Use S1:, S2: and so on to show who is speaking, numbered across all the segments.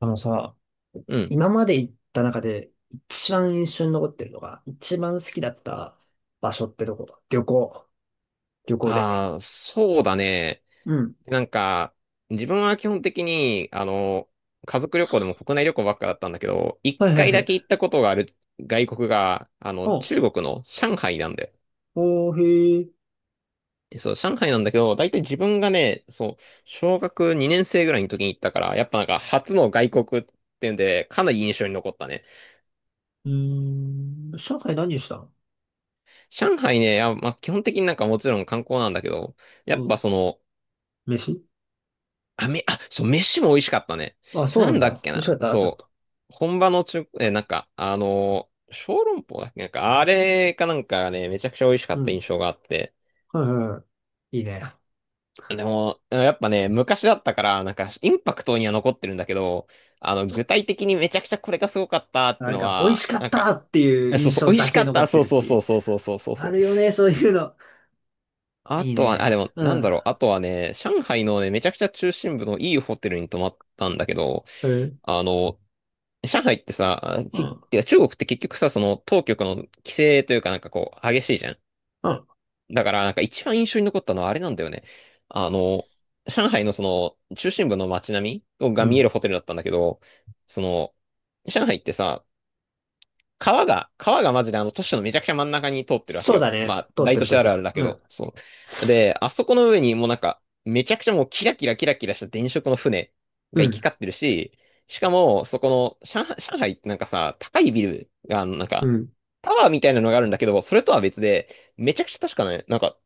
S1: あのさ、
S2: うん。
S1: 今まで行った中で一番印象に残ってるのが、一番好きだった場所ってどこだ旅行。旅行で。
S2: ああ、そうだね。
S1: うん。
S2: なんか、自分は基本的に、家族旅行でも国内旅行ばっかだったんだけど、一
S1: はいは
S2: 回
S1: いは
S2: だけ
S1: い。
S2: 行ったことがある外国が、
S1: お、
S2: 中国の上海なんで。
S1: おー、へー。
S2: そう、上海なんだけど、大体自分がね、そう、小学2年生ぐらいの時に行ったから、やっぱなんか初の外国っていうんで、かなり印象に残ったね。
S1: うーん。上海何したの？
S2: 上海ね、あ、まあ、基本的になんかもちろん観光なんだけど、や
S1: う
S2: っ
S1: ん。
S2: ぱその、
S1: 飯。
S2: あ、め、そう、飯も美味しかったね。
S1: あ、そう
S2: な
S1: なん
S2: んだっ
S1: だ。
S2: け
S1: 美味し
S2: な、
S1: かった？ちょっ
S2: そ
S1: と。
S2: う、本場の中、え、なんか、小籠包だっけ、なんか、あれかなんかね、めちゃくちゃ美味しか
S1: う
S2: った印
S1: ん。
S2: 象があって。
S1: はいはいはい。いいね。
S2: でも、やっぱね、昔だったから、なんか、インパクトには残ってるんだけど、具体的にめちゃくちゃこれがすごかったって
S1: なん
S2: の
S1: か、美味し
S2: は、
S1: かっ
S2: なんか、
S1: たっていう
S2: そう
S1: 印
S2: そう、
S1: 象
S2: 美味
S1: だ
S2: しか
S1: け
S2: っ
S1: 残
S2: た、
S1: って
S2: そう
S1: るっ
S2: そう
S1: てい
S2: そう
S1: う。
S2: そうそうそうそうそ
S1: ある
S2: う。
S1: よね、そういうの。
S2: あ
S1: いい
S2: とは、
S1: ね。
S2: あ、でも、
S1: う
S2: なん
S1: ん。
S2: だろう、あとはね、上海のね、めちゃくちゃ中心部のいいホテルに泊まったんだけど、
S1: え、うん。
S2: あの、上海ってさ、き、てか中国って結局さ、その当局の規制というかなんかこう激しいじゃん。
S1: うん。
S2: だからなんか一番印象に残ったのはあれなんだよね。あの、上海のその中心部の街並みが
S1: う
S2: 見える
S1: ん。
S2: ホテルだったんだけど、その、上海ってさ、川がマジであの都市のめちゃくちゃ真ん中に通ってるわけ
S1: そうだ
S2: よ。
S1: ね。
S2: まあ、
S1: 通っ
S2: 大
S1: て
S2: 都
S1: る
S2: 市
S1: 通っ
S2: あ
S1: て
S2: るあ
S1: る。
S2: るだけ
S1: うん。
S2: ど、そう。で、あそこの上にもうなんか、めちゃくちゃもうキラキラキラキラした電飾の船
S1: う
S2: が行き
S1: ん、
S2: 交ってるし、しかも、そこの、上海ってなんかさ、高いビルが、なん
S1: う
S2: か、
S1: ん、
S2: タワーみたいなのがあるんだけど、それとは別で、めちゃくちゃ確かね、なんか、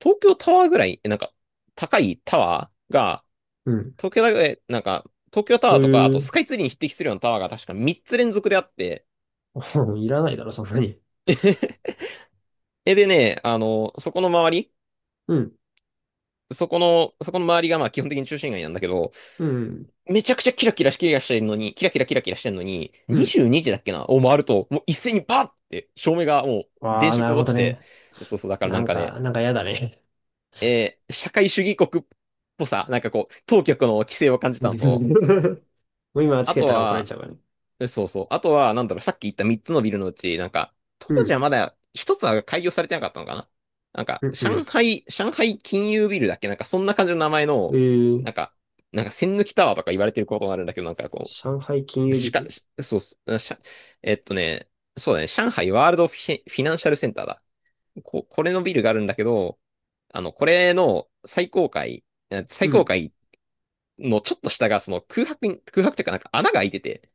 S2: 東京タワーぐらい、なんか、高いタワーが、
S1: うん。
S2: 東京だけなんか、東京タ
S1: へ
S2: ワーとか、あと
S1: え。
S2: スカイツリーに匹敵するようなタワーが確か3つ連続であって、
S1: いらないだろ、そんなに。
S2: え、でね、そこの周り、
S1: うん、
S2: そこの周りがまあ基本的に中心街なんだけど、
S1: うん、
S2: めちゃくちゃキラキラキラしてるのに、キラキラキラキラしてるのに、
S1: うん。
S2: 22時だっけな、を回ると、もう一斉にバーって照明がもう
S1: あ
S2: 電
S1: あ、な
S2: 飾
S1: る
S2: を
S1: ほ
S2: 落
S1: ど
S2: ちて、
S1: ね。
S2: そうそう、だからな
S1: な
S2: ん
S1: ん
S2: かね、
S1: か、なんか嫌だね。
S2: 社会主義国っぽさ、なんかこう、当局の規制を感じ
S1: う
S2: た
S1: ん。
S2: のと、
S1: もう今つ
S2: あ
S1: け
S2: と
S1: たら怒られ
S2: は、
S1: ちゃうからね。
S2: そうそう。あとは、なんだろう、さっき言った3つのビルのうち、なんか、当
S1: う
S2: 時
S1: ん、
S2: はまだ一つは開業されてなかったのかな、なんか、
S1: うん、う
S2: 上海金融ビルだっけなんか、そんな感じの名前
S1: ん、
S2: の、
S1: ー、
S2: なんか、なんか、栓抜きタワーとか言われてることになるんだけど、なんかこ
S1: 上海金
S2: う、
S1: 融
S2: し
S1: ビ
S2: か、
S1: ル。
S2: しそうっす、あしゃ、えっとね、そうだね、上海ワールドフィ、フィナンシャルセンターだ。こ、これのビルがあるんだけど、これの最高階、
S1: う
S2: 最高
S1: ん、
S2: 階のちょっと下が、その空白に、空白というかなんか穴が開いてて、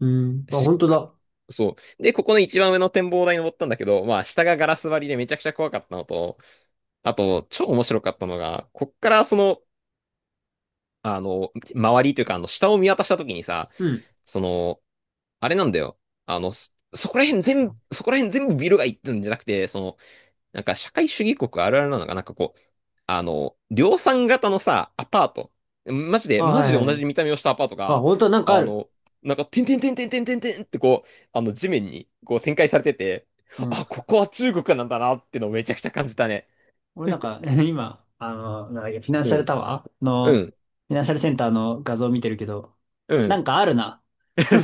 S1: うん。あ、
S2: し
S1: 本当
S2: く
S1: だ。
S2: そう。で、ここの一番上の展望台に登ったんだけど、まあ、下がガラス張りでめちゃくちゃ怖かったのと、あと、超面白かったのが、こっからその、周りというか、下を見渡した時にさ、
S1: うん。
S2: その、あれなんだよ。そこら辺全部、そこら辺全部ビルがいってんじゃなくて、その、なんか社会主義国あるあるなのが、なんかこう、量産型のさ、アパート。マジで、
S1: あ、
S2: マ
S1: は
S2: ジ
S1: い
S2: で
S1: はい
S2: 同
S1: はい。
S2: じ見た目をしたアパート
S1: あ、
S2: が、
S1: 本当だ、なんかあ
S2: あ
S1: る。
S2: の、なんか、てんてんてんてんてんてんてんってこう、地面にこう展開されてて、
S1: うん。
S2: あ、ここは中国なんだなってのをめちゃくちゃ感じたね。
S1: 俺なんか、今、なんだっけ、フィナン
S2: う
S1: シャル
S2: ん、
S1: タワー
S2: う
S1: の、フ
S2: ん、
S1: ィナンシャルセンターの画像を見てるけど、
S2: う
S1: な
S2: ん。
S1: んかあるな。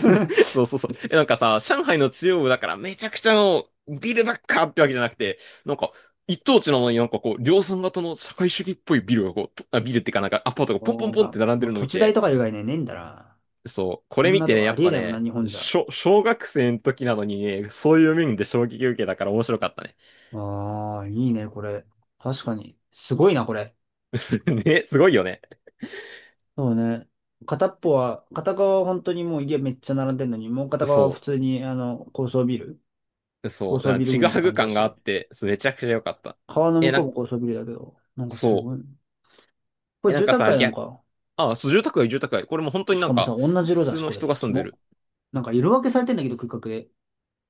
S2: そうそうそう。え、なんかさ、上海の中央部だからめちゃくちゃのビルばっかってわけじゃなくて、なんか一等地なのになんかこう、量産型の社会主義っぽいビルがこう、とあ、ビルってかなんかアパートがポンポ
S1: そ
S2: ン
S1: う
S2: ポンって
S1: か。
S2: 並んで
S1: もう
S2: るのを
S1: 土
S2: 見
S1: 地代
S2: て、
S1: とか以外ね、ねえんだな。
S2: そう、こ
S1: こ
S2: れ
S1: ん
S2: 見
S1: な
S2: て
S1: と
S2: ね、
S1: こ
S2: や
S1: あ
S2: っ
S1: りえ
S2: ぱ
S1: ないもんな、
S2: ね、
S1: 日本じゃ。
S2: 小、小学生の時なのにね、そういう面で衝撃受けたから面白かったね。
S1: ああ、いいね、これ。確かに。すごいな、これ。
S2: ね、すごいよね。
S1: そうね。片っぽは、片側は本当にもう家めっちゃ並んでんのに、もう片側は普
S2: そ
S1: 通に、高層ビル。高
S2: そう、
S1: 層
S2: なん
S1: ビ
S2: か
S1: ル
S2: ちぐ
S1: 群って
S2: はぐ
S1: 感じだ
S2: 感があ
S1: し。
S2: って、そうめちゃくちゃ良かった。
S1: 川の
S2: え、
S1: 向
S2: な
S1: こ
S2: ん
S1: う
S2: か、
S1: も高層ビルだけど、なんかす
S2: そ
S1: ご
S2: う。
S1: い。こ
S2: え、
S1: れ
S2: なん
S1: 住
S2: か
S1: 宅
S2: さ、
S1: 街なの
S2: 逆
S1: か。
S2: ああ、そう、住宅街。これも本当に
S1: し
S2: な
S1: か
S2: ん
S1: もさ、
S2: か、
S1: 同じ
S2: 普
S1: 色だ
S2: 通
S1: し、
S2: の
S1: これ、
S2: 人が住
S1: キ
S2: んで
S1: モ。
S2: る。
S1: なんか色分けされてんだけど、空画で。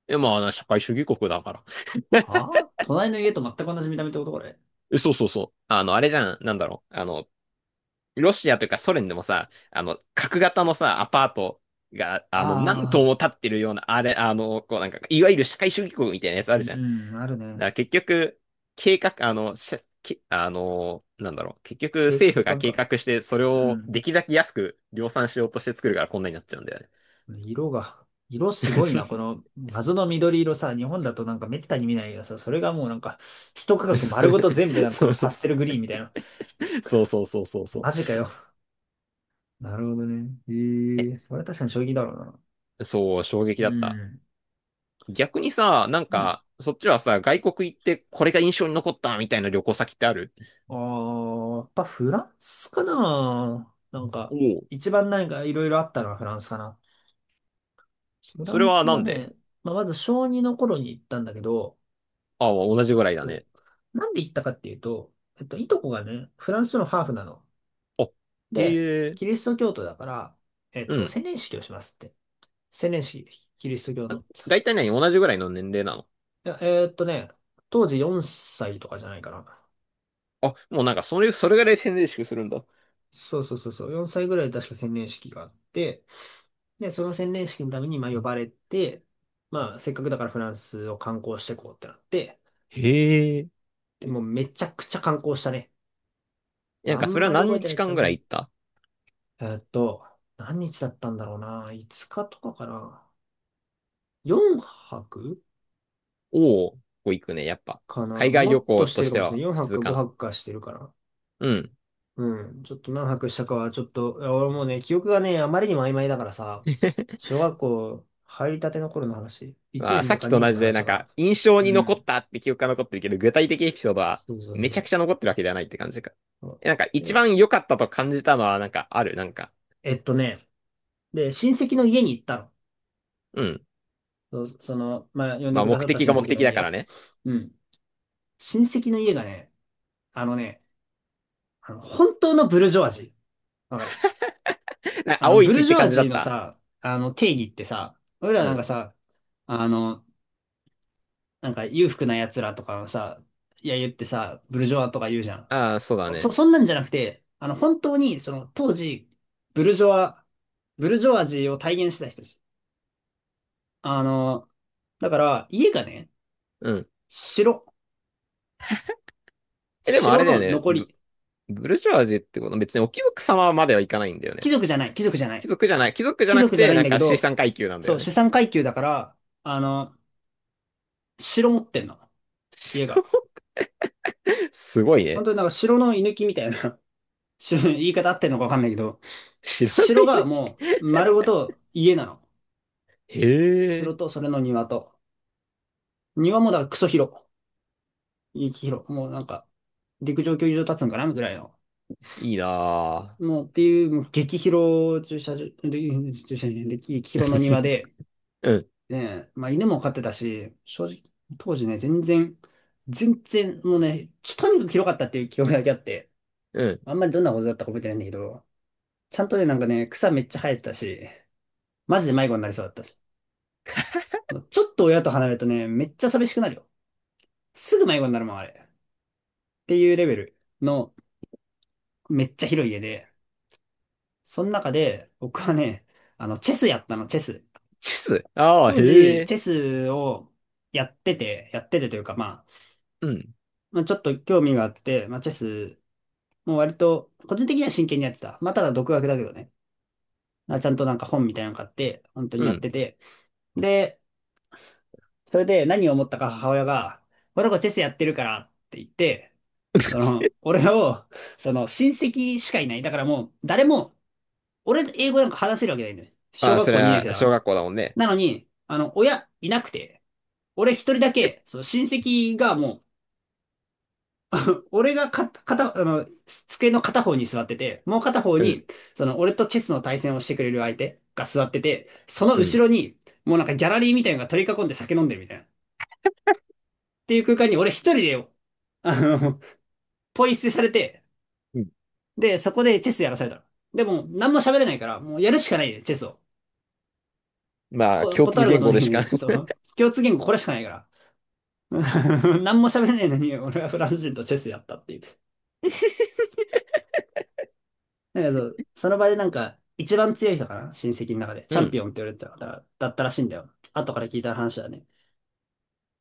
S2: え、まあ、社会主義国だから。
S1: はあ、隣の家と全く同じ見た目ってこと、これ。
S2: そうそうそう。あの、あれじゃん、なんだろう。ロシアというかソ連でもさ、角型のさ、アパートが、何棟
S1: ああ、
S2: も建ってるような、あれ、こうなんか、いわゆる社会主義国みたいなやつあ
S1: う
S2: るじゃん。だか
S1: ん、あるね。
S2: ら結局、計画、あの、しゃけあの、なんだろう。結局、
S1: け
S2: 政府
S1: 景
S2: が
S1: 観
S2: 計
S1: か。
S2: 画して、それ
S1: う
S2: を
S1: ん。
S2: できるだけ安く量産しようとして作るからこんなになっちゃうんだよね。
S1: 色が、色すごいな。この謎の緑色さ、日本だとなんかめったに見ないけどさ、それがもうなんか、一区画丸ごと全部な んかこ
S2: そ
S1: の
S2: うそ
S1: パ
S2: う。
S1: ステルグリーンみたいな。
S2: そうそうそうそうそ
S1: マジかよ。なるほどね。ええ、それは確かに衝撃だろうな。
S2: う。そう、衝撃
S1: う
S2: だった。
S1: ん。
S2: 逆にさ、なん
S1: うん。
S2: か、そっちはさ、外国行ってこれが印象に残ったみたいな旅行先ってある？
S1: ああ、やっぱフランスかな。なんか、
S2: おお。
S1: 一番なんかいろいろあったのはフランスかな。フラ
S2: それ
S1: ン
S2: は
S1: ス
S2: な
S1: は
S2: んで？
S1: ね、まあ、まず小2の頃に行ったんだけど、
S2: ああ、同じぐらいだ
S1: そ
S2: ね。
S1: う。なんで行ったかっていうと、いとこがね、フランスのハーフなの。
S2: あ、へ
S1: で、
S2: え。
S1: キリスト教徒だから、
S2: うん。
S1: 洗礼式をしますって。洗礼式、キリスト教の。
S2: 大体何同じぐらいの年齢なの？
S1: いやえーっとね、当時4歳とかじゃないかな。
S2: あ、もうなんかそれ、それぐらい宣伝式するんだ。
S1: そうそうそうそう、4歳ぐらいで確か洗礼式があって、で、その洗礼式のために、まあ、呼ばれて、まあ、せっかくだからフランスを観光してこうってなって、
S2: へえ。
S1: でもうめちゃくちゃ観光したね。
S2: な
S1: あ
S2: んか
S1: ん
S2: それは
S1: まり覚え
S2: 何
S1: てな
S2: 日
S1: いっちゃ
S2: 間ぐ
S1: も
S2: らい
S1: う、
S2: 行った？
S1: えーっと、何日だったんだろうな。5日とかかな。4泊
S2: おお。ここ行くね、やっぱ。
S1: かな。
S2: 海外
S1: も
S2: 旅
S1: っと
S2: 行
S1: し
S2: と
S1: てる
S2: し
S1: か
S2: て
S1: もしれな
S2: は
S1: い。4
S2: 普
S1: 泊
S2: 通
S1: か
S2: か
S1: 5
S2: な。
S1: 泊かしてるから。
S2: うん。
S1: うん。ちょっと何泊したかは、ちょっと、いや俺もうね、記憶がね、あまりにも曖昧だからさ、小学校入りたての頃の話。1
S2: まあ、
S1: 年
S2: さ
S1: だ
S2: っ
S1: か
S2: きと
S1: 2
S2: 同
S1: 年の
S2: じで、
S1: 話
S2: な
S1: だ
S2: ん
S1: から。
S2: か、印象
S1: う
S2: に残っ
S1: ん。
S2: たって記憶が残ってるけど、具体的エピソードは
S1: そうそうそ
S2: めちゃくちゃ
S1: う。
S2: 残ってるわけではないって感じか。
S1: そ
S2: え、なんか、
S1: う
S2: 一
S1: で、
S2: 番良かったと感じたのは、なんか、ある、なんか、
S1: えっとね、で、親戚の家に行ったの。
S2: うん。
S1: そうその、まあ、呼んで
S2: まあ、
S1: くだ
S2: 目
S1: さった
S2: 的が
S1: 親
S2: 目
S1: 戚の
S2: 的だから
S1: 家。
S2: ね。
S1: うん。親戚の家がね、あのね、あの、本当のブルジョワジー。わかる？
S2: な、
S1: あの、
S2: 青い
S1: ブ
S2: 血
S1: ル
S2: っ
S1: ジ
S2: て
S1: ョワ
S2: 感じだ
S1: ジー
S2: っ
S1: の
S2: た？
S1: さ、あの、定義ってさ、俺ら
S2: う
S1: なん
S2: ん。
S1: かさ、あの、なんか裕福な奴らとかのさ、いや言ってさ、ブルジョワとか言うじゃん。
S2: ああ、そうだね。
S1: そんなんじゃなくて、あの、本当に、その、当時、ブルジョワ、ブルジョワジーを体現してた人たち。あの、だから、家がね、
S2: うん。
S1: 城、
S2: え、でもあ
S1: 城
S2: れだよ
S1: の
S2: ね。
S1: 残
S2: ブ、
S1: り、
S2: ブルジョワジーってこと別にお貴族様まではいかないんだよ
S1: 貴
S2: ね。
S1: 族じゃない、貴族じゃな
S2: 貴
S1: い。
S2: 族じゃない、貴族じゃ
S1: 貴
S2: なく
S1: 族じゃな
S2: て、
S1: いん
S2: なん
S1: だけ
S2: か資
S1: ど、
S2: 産階級なんだ
S1: そ
S2: よ
S1: う、
S2: ね。
S1: 資産階級だから、あの、城持ってんの。
S2: 知
S1: 家
S2: らん。
S1: が。
S2: すごい
S1: 本
S2: ね。
S1: 当になんか城の居抜きみたいな。 城、言い方あってんのかわかんないけど、
S2: 知らない
S1: 城が
S2: 抜き。
S1: もう丸ごと家なの。
S2: へ
S1: 城
S2: え、
S1: とそれの庭と。庭もだからクソ広。激広。もうなんか、陸上競技場立つんかなぐらいの。
S2: いいな
S1: もうっていう、もう激広駐車場、で駐車場じゃない激
S2: ぁ。
S1: 広の庭 で、
S2: うん。
S1: ね、まあ犬も飼ってたし、正直、当時ね、全然、もうね、ちょ、とにかく広かったっていう記憶だけあって、
S2: うん。
S1: あんまりどんなことだったか覚えてないんだけど、ちゃんとね、なんかね、草めっちゃ生えてたし、マジで迷子になりそうだったし。ちょっと親と離れるとね、めっちゃ寂しくなるよ。すぐ迷子になるもん、あれ。っていうレベルの、めっちゃ広い家で、その中で、僕はね、あの、チェスやったの、チェス。
S2: チス。ああ、
S1: 当
S2: へ
S1: 時、
S2: え。
S1: チェスをやってて、やっててというか、まあ、
S2: うん。
S1: まあ、ちょっと興味があって、まあ、チェス、もう割と、個人的には真剣にやってた。まあ、ただ独学だけどね。あ、ちゃんとなんか本みたいなの買って、本当に
S2: う
S1: やっ
S2: ん。
S1: てて。で、それで何を思ったか母親が、この子チェスやってるからって言って、俺を、その、親戚しかいない。だからもう、誰も、俺と英語なんか話せるわけないんだよ。小
S2: まあ、
S1: 学
S2: それ
S1: 校2年生
S2: は
S1: だか
S2: 小
S1: ら。
S2: 学校だもんね。
S1: なのに、あの、親いなくて、俺一人だけ、その親戚がもう、俺がか、片、あの、机の片方に座ってて、もう片方
S2: うん。
S1: に、その、俺とチェスの対戦をしてくれる相手が座ってて、その
S2: うん。
S1: 後ろに、もうなんかギャラリーみたいなのが取り囲んで酒飲んでるみたいな。っていう空間に俺一人でよ、あの、ポイ捨てされて、
S2: うん。
S1: で、そこでチェスやらされたの。でも、何も喋れないから、もうやるしかないで、チェスを。
S2: まあ、共通
S1: 断るこ
S2: 言
S1: とも
S2: 語
S1: でき
S2: でし
S1: ない
S2: か。
S1: で、そ う。共通言語これしかないから。何も喋れないのに、俺はフランス人とチェスやったっていう。なんそその場でなんか、一番強い人かな、親戚の中で。
S2: う
S1: チャン
S2: ん。
S1: ピオンって言われてた方だったらしいんだよ。後から聞いた話だね。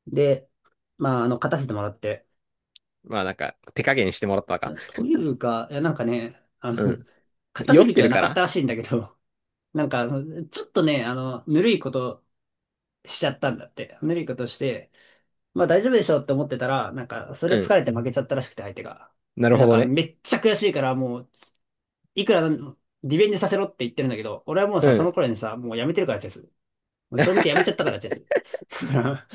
S1: で、まあ、あの、勝たせてもらって。
S2: まあ、なんか、手加減してもらったのか。
S1: というか、いや、なんかね、あの、
S2: うん。
S1: 勝た
S2: 酔
S1: せ
S2: っ
S1: る
S2: て
S1: 気は
S2: る
S1: な
S2: か
S1: かった
S2: ら？
S1: らしいんだけど、なんか、ちょっとね、あの、ぬるいことしちゃったんだって。ぬるいことして、まあ大丈夫でしょって思ってたら、なんか、それ
S2: う
S1: 疲
S2: ん。
S1: れて負けちゃったらしくて、相手が。
S2: なる
S1: で、な
S2: ほ
S1: ん
S2: ど
S1: か、
S2: ね。
S1: めっちゃ悔しいから、もう、いくらリベンジさせろって言ってるんだけど、俺はもう
S2: う
S1: さ、その
S2: ん。
S1: 頃にさ、もうやめてるからチェス。もう小認でやめちゃったからチェス。だから、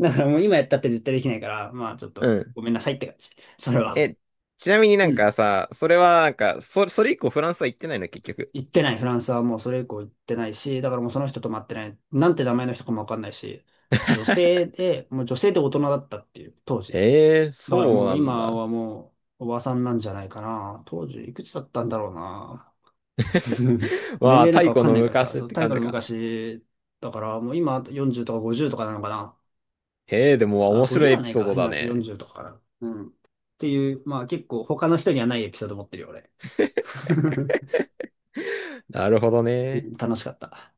S1: だからもう今やったって絶対できないから、まあちょっ
S2: う
S1: と、
S2: ん。
S1: ごめんなさいって感じ。それは。
S2: え、ちなみにな
S1: う
S2: ん
S1: ん。
S2: かさ、それはなんか、そ、それ以降フランスは行ってないの、結局？
S1: 行ってない、フランスはもうそれ以降行ってないし、だからもうその人と待ってない、なんて名前の人かもわかんないし、女性で、もう女性で大人だったっていう、当時。
S2: へえ、
S1: だから
S2: そう
S1: もう
S2: なん
S1: 今
S2: だ。
S1: はもうおばさんなんじゃないかな。当時いくつだったんだろうな。年
S2: まあ、
S1: 齢なんか
S2: 太
S1: わ
S2: 古
S1: かん
S2: の
S1: ないからさ、
S2: 昔っ
S1: そう、
S2: て
S1: 太
S2: 感
S1: 古
S2: じ
S1: の
S2: か。
S1: 昔、だからもう今40とか50とかなのかな。
S2: へえ、でも
S1: あ、
S2: 面白い
S1: 50
S2: エ
S1: は
S2: ピ
S1: ない
S2: ソー
S1: か。
S2: ドだ
S1: 今
S2: ね。
S1: 40とかかな。うん。っていう、まあ結構他の人にはないエピソード持ってるよ、俺。
S2: なるほど
S1: うん、
S2: ね。
S1: 楽しかった。